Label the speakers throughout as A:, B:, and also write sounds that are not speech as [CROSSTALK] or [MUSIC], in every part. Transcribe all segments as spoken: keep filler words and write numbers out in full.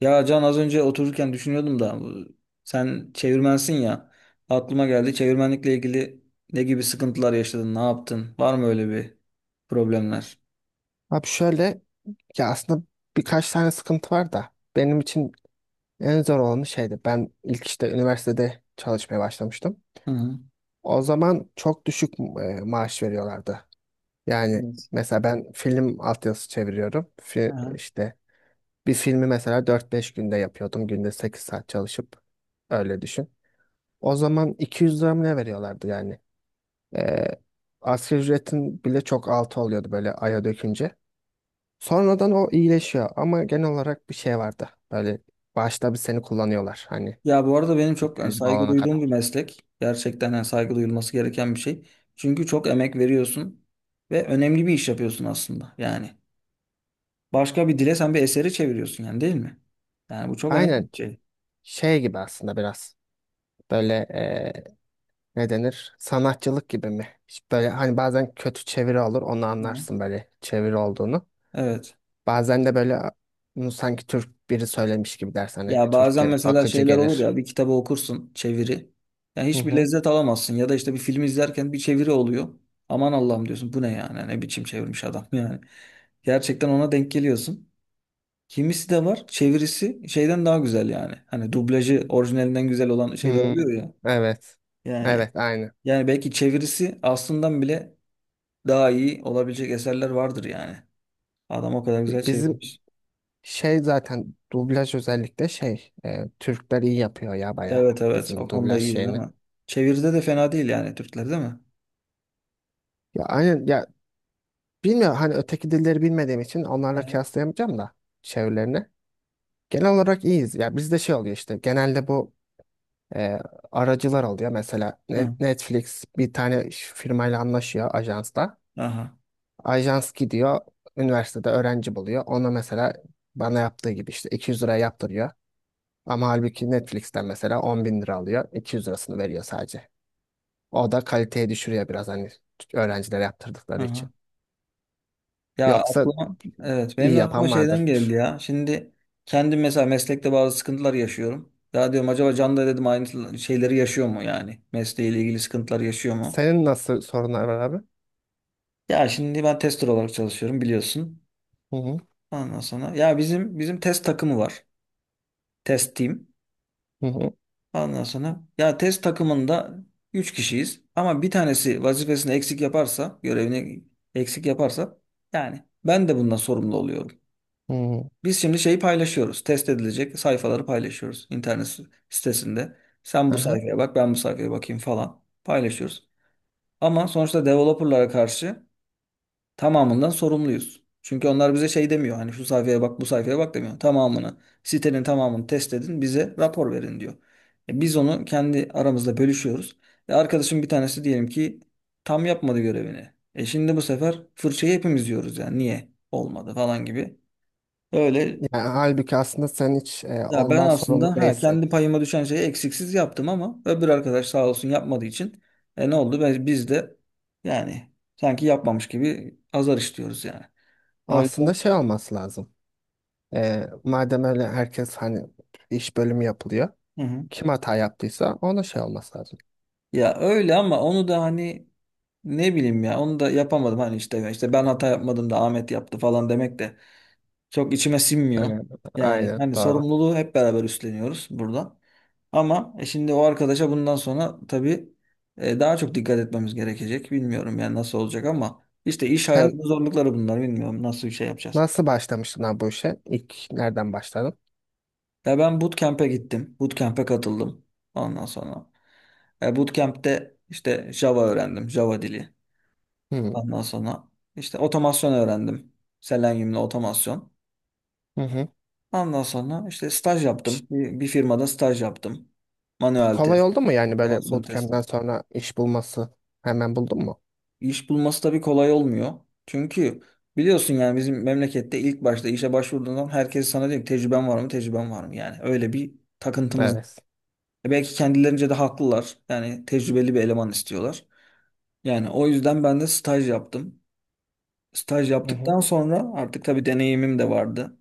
A: Ya Can, az önce otururken düşünüyordum da bu- sen çevirmensin ya, aklıma geldi. Çevirmenlikle ilgili ne gibi sıkıntılar yaşadın, ne yaptın, var mı öyle bir problemler?
B: Abi şöyle ya aslında birkaç tane sıkıntı var da benim için en zor olanı şeydi. Ben ilk işte üniversitede çalışmaya başlamıştım.
A: Hı hı.
B: O zaman çok düşük e, maaş veriyorlardı. Yani
A: Evet.
B: mesela ben film altyazısı çeviriyorum.
A: Hı
B: Fi,
A: hı.
B: işte bir filmi mesela dört beş günde yapıyordum. Günde sekiz saat çalışıp öyle düşün. O zaman iki yüz lira mı ne veriyorlardı yani? E, Asgari ücretin bile çok altı oluyordu böyle aya dökünce. Sonradan o iyileşiyor ama genel olarak bir şey vardı. Böyle başta bir seni kullanıyorlar, hani
A: Ya bu arada benim
B: bir
A: çok, yani
B: tecrübe
A: saygı
B: alana
A: duyduğum bir
B: kadar.
A: meslek gerçekten, yani saygı duyulması gereken bir şey çünkü çok emek veriyorsun ve önemli bir iş yapıyorsun aslında, yani başka bir dile sen bir eseri çeviriyorsun yani, değil mi? Yani bu çok önemli bir
B: Aynen,
A: şey.
B: şey gibi aslında biraz böyle eee, ne denir, sanatçılık gibi mi? İşte Böyle hani, bazen kötü çeviri olur, onu
A: Hı hı.
B: anlarsın böyle çeviri olduğunu.
A: Evet.
B: Bazen de böyle, bunu sanki Türk biri söylemiş gibi dersin, hani
A: Ya bazen
B: Türkçe
A: mesela
B: akıcı
A: şeyler olur
B: gelir.
A: ya, bir kitabı okursun, çeviri. Ya
B: Hı
A: hiçbir
B: hı.
A: lezzet alamazsın, ya da işte bir film izlerken bir çeviri oluyor. Aman Allah'ım diyorsun, bu ne yani, ne biçim çevirmiş adam [LAUGHS] yani. Gerçekten ona denk geliyorsun. Kimisi de var çevirisi şeyden daha güzel yani. Hani dublajı orijinalinden güzel olan şeyler
B: Hmm,
A: oluyor ya.
B: evet.
A: Yani
B: Evet, aynı.
A: yani belki çevirisi aslından bile daha iyi olabilecek eserler vardır yani. Adam o kadar güzel
B: Bizim
A: çevirmiş.
B: şey zaten dublaj, özellikle şey e, Türkler iyi yapıyor ya, baya
A: Evet, evet, o
B: bizim
A: konuda
B: dublaj
A: iyi değil
B: şeyini.
A: mi? Çeviride de fena değil yani Türkler, değil mi?
B: Ya aynen ya, bilmiyorum hani, öteki dilleri bilmediğim için onlarla
A: Hı.
B: kıyaslayamayacağım da çevirilerini. Genel olarak iyiyiz. Ya bizde şey oluyor işte, genelde bu e, aracılar oluyor. Mesela Ne-
A: Hı.
B: Netflix bir tane ş- firmayla anlaşıyor, ajansla.
A: Aha,
B: Ajans gidiyor üniversitede öğrenci buluyor. Ona mesela, bana yaptığı gibi, işte iki yüz liraya yaptırıyor. Ama halbuki Netflix'ten mesela 10 bin lira alıyor. iki yüz lirasını veriyor sadece. O da kaliteye düşürüyor biraz, hani öğrencilere yaptırdıkları için.
A: aha. Ya
B: Yoksa
A: aklıma, evet benim
B: iyi
A: de aklıma
B: yapan vardır.
A: şeyden geldi ya. Şimdi kendim mesela meslekte bazı sıkıntılar yaşıyorum. Ya diyorum, acaba Can da, dedim, aynı şeyleri yaşıyor mu yani? Mesleğiyle ilgili sıkıntılar yaşıyor mu?
B: Senin nasıl sorunlar var abi?
A: Ya şimdi ben tester olarak çalışıyorum, biliyorsun.
B: Hı hı.
A: Ondan sonra ya bizim bizim test takımı var. Test team.
B: Hı hı.
A: Ondan sonra ya test takımında üç kişiyiz, ama bir tanesi vazifesini eksik yaparsa, görevini eksik yaparsa, yani ben de bundan sorumlu oluyorum.
B: Hı hı.
A: Biz şimdi şeyi paylaşıyoruz. Test edilecek sayfaları paylaşıyoruz internet si-, sitesinde. Sen bu
B: Aha.
A: sayfaya bak, ben bu sayfaya bakayım falan paylaşıyoruz. Ama sonuçta developerlara karşı tamamından sorumluyuz. Çünkü onlar bize şey demiyor. Hani şu sayfaya bak, bu sayfaya bak demiyor. Tamamını, sitenin tamamını test edin, bize rapor verin diyor. E biz onu kendi aramızda bölüşüyoruz. Ve arkadaşım bir tanesi diyelim ki tam yapmadı görevini. E şimdi bu sefer fırçayı hepimiz yiyoruz yani. Niye olmadı falan gibi. Öyle.
B: Yani halbuki aslında sen hiç e,
A: Ya ben
B: ondan sorumlu
A: aslında, ha,
B: değilsin.
A: kendi payıma düşen şeyi eksiksiz yaptım ama öbür arkadaş sağ olsun yapmadığı için e ne oldu? Biz, biz de yani sanki yapmamış gibi azar işliyoruz yani. O yüzden.
B: Aslında şey olması lazım. E, madem öyle, herkes hani iş bölümü yapılıyor.
A: Hı hı.
B: Kim hata yaptıysa ona şey olması lazım.
A: Ya öyle ama onu da hani, ne bileyim ya, onu da yapamadım, hani işte işte ben hata yapmadım da Ahmet yaptı falan demek de çok içime sinmiyor.
B: Aynen,
A: Yani
B: aynen
A: hani
B: doğru.
A: sorumluluğu hep beraber üstleniyoruz burada. Ama e, şimdi o arkadaşa bundan sonra tabii e, daha çok dikkat etmemiz gerekecek. Bilmiyorum yani nasıl olacak, ama işte iş
B: Sen
A: hayatının zorlukları bunlar. Bilmiyorum nasıl bir şey yapacağız.
B: Nasıl başlamıştın abi bu işe? İlk nereden başladın?
A: Ya ben bootcamp'e gittim. Bootcamp'e katıldım. Ondan sonra. E, bootcamp'te işte Java öğrendim. Java dili.
B: Hmm.
A: Ondan sonra işte otomasyon öğrendim. Selenium'la otomasyon.
B: Hı hı.
A: Ondan sonra işte staj
B: Piş-
A: yaptım. Bir, bir firmada staj yaptım. Manuel
B: Kolay
A: test,
B: oldu mu yani, böyle
A: otomasyon test.
B: bootcamp'ten sonra iş bulması? Hemen buldun mu?
A: İş bulması tabii kolay olmuyor. Çünkü biliyorsun yani bizim memlekette ilk başta işe başvurduğundan herkes sana diyor ki tecrüben var mı, tecrüben var mı? Yani öyle bir takıntımız.
B: Evet.
A: E Belki kendilerince de haklılar. Yani tecrübeli bir eleman istiyorlar. Yani o yüzden ben de staj yaptım. Staj
B: Hı hı.
A: yaptıktan sonra artık tabii deneyimim de vardı.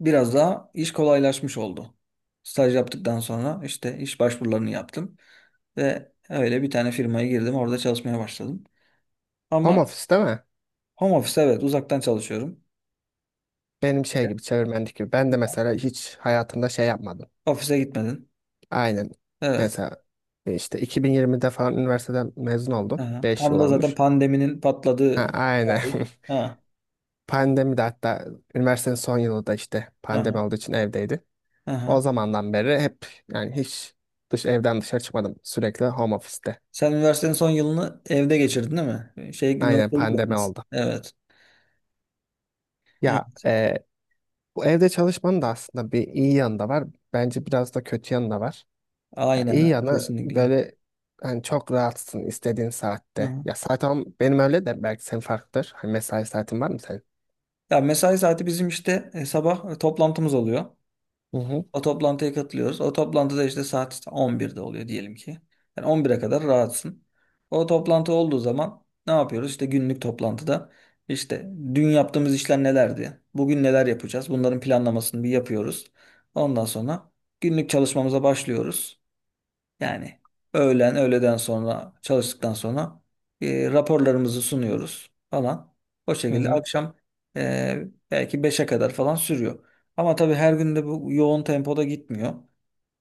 A: Biraz daha iş kolaylaşmış oldu. Staj yaptıktan sonra işte iş başvurularını yaptım ve öyle bir tane firmaya girdim. Orada çalışmaya başladım.
B: Home
A: Ama
B: office değil mi?
A: home office, evet, uzaktan çalışıyorum.
B: Benim şey gibi, çevirmenlik gibi. Ben de mesela hiç hayatımda şey yapmadım.
A: Ofise gitmedin.
B: Aynen.
A: Evet.
B: Mesela işte iki bin yirmide falan üniversiteden mezun oldum.
A: Aha.
B: Beş
A: Tam
B: yıl
A: da zaten
B: olmuş.
A: pandeminin
B: Ha,
A: patladığı
B: aynen.
A: tarih. Ha.
B: [LAUGHS] Pandemi de hatta, üniversitenin son yılı da işte pandemi
A: Aha.
B: olduğu için evdeydi. O
A: Aha.
B: zamandan beri hep, yani hiç dış evden dışarı çıkmadım. Sürekli home office'te.
A: Sen üniversitenin son yılını evde geçirdin, değil mi? Şey,
B: Aynen,
A: üniversiteye
B: pandemi
A: gitmediniz.
B: oldu.
A: Evet.
B: Ya
A: Evet.
B: e, bu evde çalışmanın da aslında bir iyi yanı da var. Bence biraz da kötü yanı da var. Ya
A: Aynen.
B: iyi
A: Aynen.
B: yanı
A: Kesinlikle.
B: böyle, hani çok rahatsın istediğin
A: Hı
B: saatte.
A: hı.
B: Ya saat on, benim öyle de, belki senin farklıdır. Hani mesai saatin var mı senin?
A: Ya mesai saati bizim işte, e, sabah e, toplantımız oluyor.
B: Hı hı.
A: O toplantıya katılıyoruz. O toplantıda işte saat on birde oluyor diyelim ki. Yani on bire kadar rahatsın. O toplantı olduğu zaman ne yapıyoruz? İşte günlük toplantıda işte dün yaptığımız işler nelerdi, bugün neler yapacağız? Bunların planlamasını bir yapıyoruz. Ondan sonra günlük çalışmamıza başlıyoruz. Yani öğlen, öğleden sonra çalıştıktan sonra e, raporlarımızı sunuyoruz falan. O
B: Hı
A: şekilde
B: hı.
A: akşam, e, belki beşe kadar falan sürüyor. Ama tabii her gün de bu yoğun tempoda gitmiyor.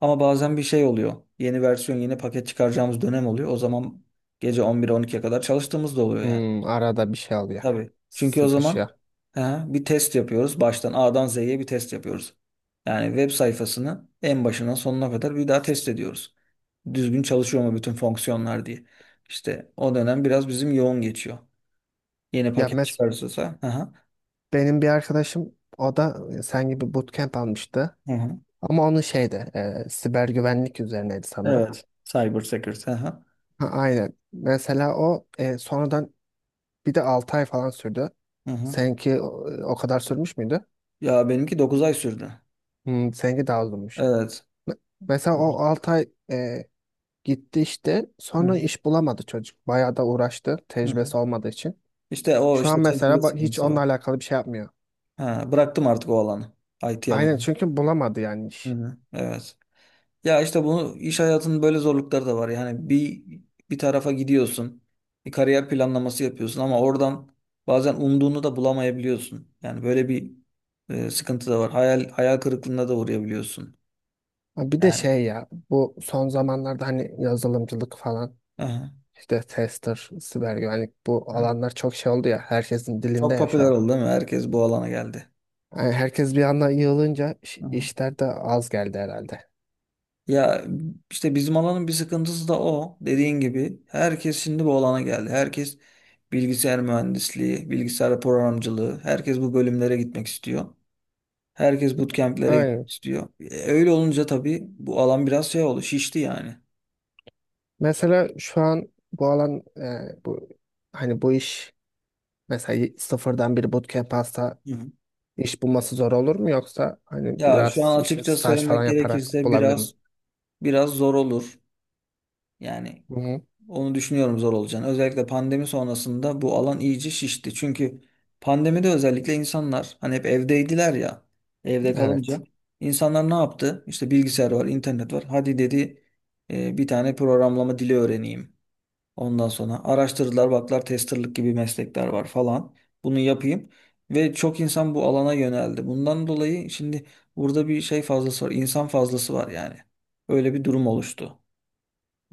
A: Ama bazen bir şey oluyor. Yeni versiyon, yeni paket çıkaracağımız dönem oluyor. O zaman gece on bir on ikiye kadar çalıştığımız da oluyor yani.
B: Hmm, arada bir şey oluyor.
A: Tabii. Çünkü o zaman,
B: Sıkışıyor.
A: ha, bir test yapıyoruz. Baştan A'dan Z'ye bir test yapıyoruz. Yani web sayfasını en başından sonuna kadar bir daha test ediyoruz, düzgün çalışıyor mu bütün fonksiyonlar diye. İşte o dönem biraz bizim yoğun geçiyor. Yeni
B: Ya
A: paket
B: mes
A: çıkarırsa. Aha,
B: benim bir arkadaşım, o da sen gibi bootcamp almıştı.
A: aha.
B: Ama onun şeyde e, siber güvenlik üzerineydi sanırım.
A: Evet. Cyber Security. Aha,
B: Ha, aynen. Mesela o e, sonradan bir de altı ay falan sürdü.
A: aha.
B: Seninki o, o kadar sürmüş müydü?
A: Ya benimki dokuz ay sürdü.
B: Hmm, seninki daha uzunmuş.
A: Evet.
B: Me- Mesela
A: Hı
B: o altı ay e, gitti işte.
A: hı.
B: Sonra iş bulamadı çocuk. Bayağı da uğraştı,
A: Hı hı.
B: tecrübesi olmadığı için.
A: İşte o
B: Şu an
A: işte
B: mesela
A: tecrübe
B: ba- hiç
A: sıkıntısı
B: onunla
A: var.
B: alakalı bir şey yapmıyor.
A: Ha, bıraktım artık o alanı. I T
B: Aynen,
A: alanı.
B: çünkü bulamadı yani
A: Hı
B: iş.
A: hı. Evet. Ya işte bunu, iş hayatının böyle zorlukları da var. Yani bir bir tarafa gidiyorsun, bir kariyer planlaması yapıyorsun ama oradan bazen umduğunu da bulamayabiliyorsun. Yani böyle bir e, sıkıntı da var. Hayal hayal kırıklığına da uğrayabiliyorsun.
B: Ha, Bir de
A: Yani
B: şey ya, bu son zamanlarda hani yazılımcılık falan,
A: aha,
B: işte tester, siber güvenlik, bu
A: aha.
B: alanlar çok şey oldu ya, herkesin dilinde
A: Çok
B: ya şu
A: popüler
B: an.
A: oldu, değil mi? Herkes bu alana geldi.
B: Yani herkes bir anda yığılınca iş-
A: Aha.
B: işler de az geldi herhalde.
A: Ya işte bizim alanın bir sıkıntısı da o. Dediğin gibi herkes şimdi bu alana geldi. Herkes bilgisayar mühendisliği, bilgisayar programcılığı, herkes bu bölümlere gitmek istiyor. Herkes bootcamp'lere gitmek
B: Aynen.
A: istiyor. E, Öyle olunca tabii bu alan biraz şey oldu, şişti yani.
B: Mesela şu an bu alan, e, bu hani bu iş. Mesela sıfırdan bir bootcamp hasta,
A: Hı hı.
B: iş bulması zor olur mu, yoksa hani
A: Ya şu
B: biraz
A: an
B: işte
A: açıkça
B: staj
A: söylemek
B: falan yaparak
A: gerekirse
B: bulabilir mi?
A: biraz biraz zor olur. Yani
B: Hı-hı.
A: onu düşünüyorum zor olacağını. Özellikle pandemi sonrasında bu alan iyice şişti. Çünkü pandemide özellikle insanlar hani hep evdeydiler ya. Evde kalınca
B: Evet.
A: insanlar ne yaptı? İşte bilgisayar var, internet var. Hadi dedi, e, bir tane programlama dili öğreneyim. Ondan sonra araştırdılar, baklar testerlık gibi meslekler var falan. Bunu yapayım. Ve çok insan bu alana yöneldi. Bundan dolayı şimdi burada bir şey fazlası var. İnsan fazlası var yani. Öyle bir durum oluştu.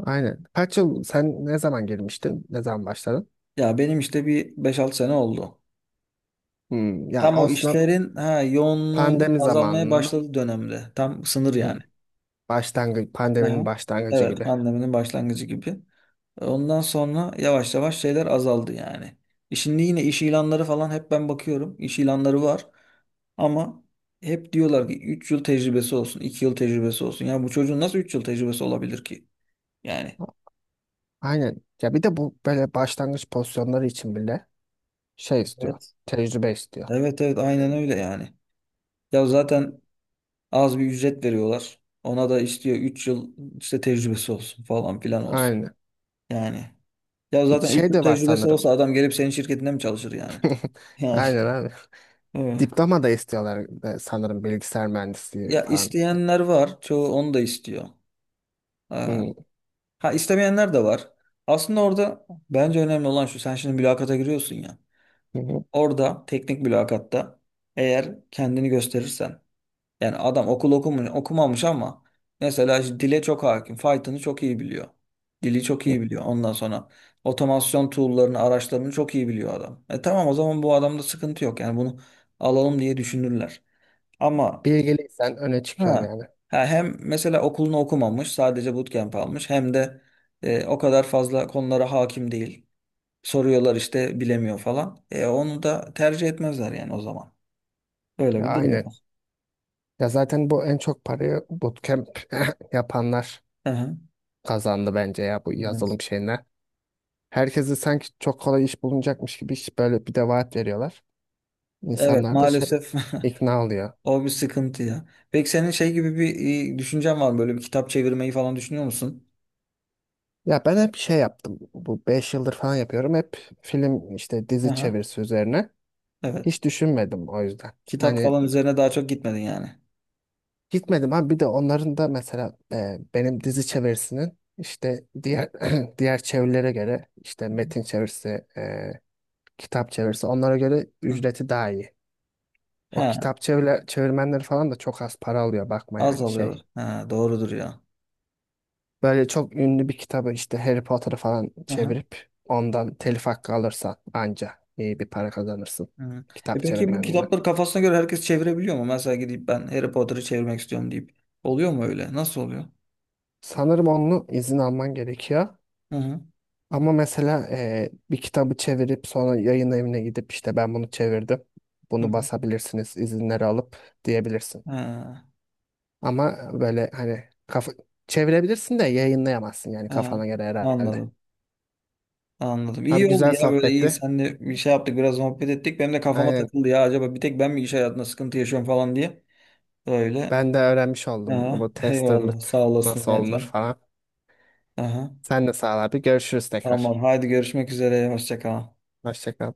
B: Aynen. Kaç yıl sen, ne zaman girmiştin? Ne zaman başladın?
A: Ya benim işte bir beş altı sene oldu.
B: Hmm, ya
A: Tam o
B: aslında
A: işlerin, ha, yoğunluğunun
B: pandemi
A: azalmaya
B: zamanının
A: başladığı dönemde. Tam sınır yani.
B: başlangıç, pandeminin
A: Aha.
B: başlangıcı
A: Evet,
B: gibi.
A: pandeminin başlangıcı gibi. Ondan sonra yavaş yavaş şeyler azaldı yani. E Şimdi yine iş ilanları falan hep ben bakıyorum. İş ilanları var. Ama hep diyorlar ki üç yıl tecrübesi olsun, iki yıl tecrübesi olsun. Ya bu çocuğun nasıl üç yıl tecrübesi olabilir ki? Yani.
B: Aynen. Ya bir de bu böyle başlangıç pozisyonları için bile şey istiyor.
A: Evet,
B: Tecrübe istiyor.
A: evet, evet, aynen öyle yani. Ya zaten az bir ücret veriyorlar. Ona da istiyor üç yıl işte tecrübesi olsun falan filan olsun.
B: Aynen.
A: Yani ya
B: Bir
A: zaten üç
B: şey
A: yıl
B: de var
A: tecrübesi
B: sanırım.
A: olsa adam gelip senin şirketinde mi çalışır yani?
B: [LAUGHS]
A: Yani
B: Aynen abi.
A: [LAUGHS] evet.
B: Diploma da istiyorlar, e, sanırım bilgisayar mühendisliği
A: Ya
B: falan.
A: isteyenler var. Çoğu onu da istiyor. Ha,
B: Hı,
A: ha, istemeyenler de var. Aslında orada bence önemli olan şu. Sen şimdi mülakata giriyorsun ya.
B: hı, hı,
A: Orada teknik mülakatta eğer kendini gösterirsen, yani adam okul okumuyor, okumamış ama mesela işte dile çok hakim. Python'ı çok iyi biliyor. Dili çok
B: hı.
A: iyi biliyor. Ondan sonra otomasyon tool'larını, araçlarını çok iyi biliyor adam. E tamam, o zaman bu adamda sıkıntı yok. Yani bunu alalım diye düşünürler. Ama,
B: Bilgiliysen öne çıkıyorsun
A: ha,
B: yani.
A: ha hem mesela okulunu okumamış, sadece bootcamp almış, hem de e, o kadar fazla konulara hakim değil. Soruyorlar işte bilemiyor falan. E onu da tercih etmezler yani o zaman. Öyle
B: Ya
A: bir durum
B: aynen.
A: var.
B: Ya zaten bu en çok parayı bootcamp [LAUGHS] yapanlar
A: Aha,
B: kazandı bence ya, bu
A: evet.
B: yazılım şeyine. Herkese sanki çok kolay iş bulunacakmış gibi, iş böyle bir de vaat veriyorlar.
A: Evet
B: İnsanlar da şey,
A: maalesef
B: ikna oluyor.
A: [LAUGHS] o bir sıkıntı ya. Peki senin şey gibi bir e, düşüncen var mı? Böyle bir kitap çevirmeyi falan düşünüyor musun?
B: Ya ben hep şey yaptım. Bu beş yıldır falan yapıyorum. Hep film, işte dizi
A: Aha,
B: çevirisi üzerine.
A: evet.
B: Hiç düşünmedim o yüzden.
A: Kitap
B: Hani
A: falan üzerine daha çok gitmedin yani.
B: gitmedim ama, bir de onların da mesela e, benim dizi çevirisinin işte, diğer [CLEARS THROAT] diğer çevirilere göre, işte metin çevirisi, e, kitap çevirisi, onlara göre
A: Hı.
B: ücreti daha iyi. O
A: He,
B: kitap çevre, çevirmenleri falan da çok az para alıyor, bakma
A: az
B: yani
A: alıyor.
B: şey.
A: He, doğrudur ya.
B: Böyle çok ünlü bir kitabı, işte Harry Potter'ı falan
A: Aha,
B: çevirip ondan telif hakkı alırsan anca iyi bir para kazanırsın,
A: hı. E
B: kitap
A: peki bu
B: çevirmenine.
A: kitapları kafasına göre herkes çevirebiliyor mu? Mesela gidip ben Harry Potter'ı çevirmek istiyorum deyip. Oluyor mu öyle? Nasıl oluyor?
B: Sanırım onun izin alman gerekiyor.
A: Hı hı.
B: Ama mesela eee, bir kitabı çevirip sonra yayın evine gidip, işte ben bunu çevirdim,
A: Hı
B: bunu
A: hı.
B: basabilirsiniz izinleri alıp, diyebilirsin.
A: He,
B: Ama böyle hani, kafa, çevirebilirsin de yayınlayamazsın yani,
A: he.
B: kafana göre herhalde.
A: Anladım. Anladım. İyi
B: Abi,
A: oldu
B: güzel
A: ya, böyle iyi.
B: sohbetti.
A: Seninle bir şey yaptık, biraz muhabbet ettik. Benim de kafama
B: Aynen.
A: takıldı ya, acaba bir tek ben mi iş hayatında sıkıntı yaşıyorum falan diye. Öyle.
B: Ben de öğrenmiş oldum
A: Aha,
B: bu
A: [LAUGHS] eyvallah,
B: testerlık
A: sağ olasın
B: nasıl olunur
A: zaten.
B: falan.
A: Aha,
B: Sen de sağ ol abi. Görüşürüz tekrar.
A: tamam. Haydi, görüşmek üzere. Hoşça kal.
B: Hoşça kal.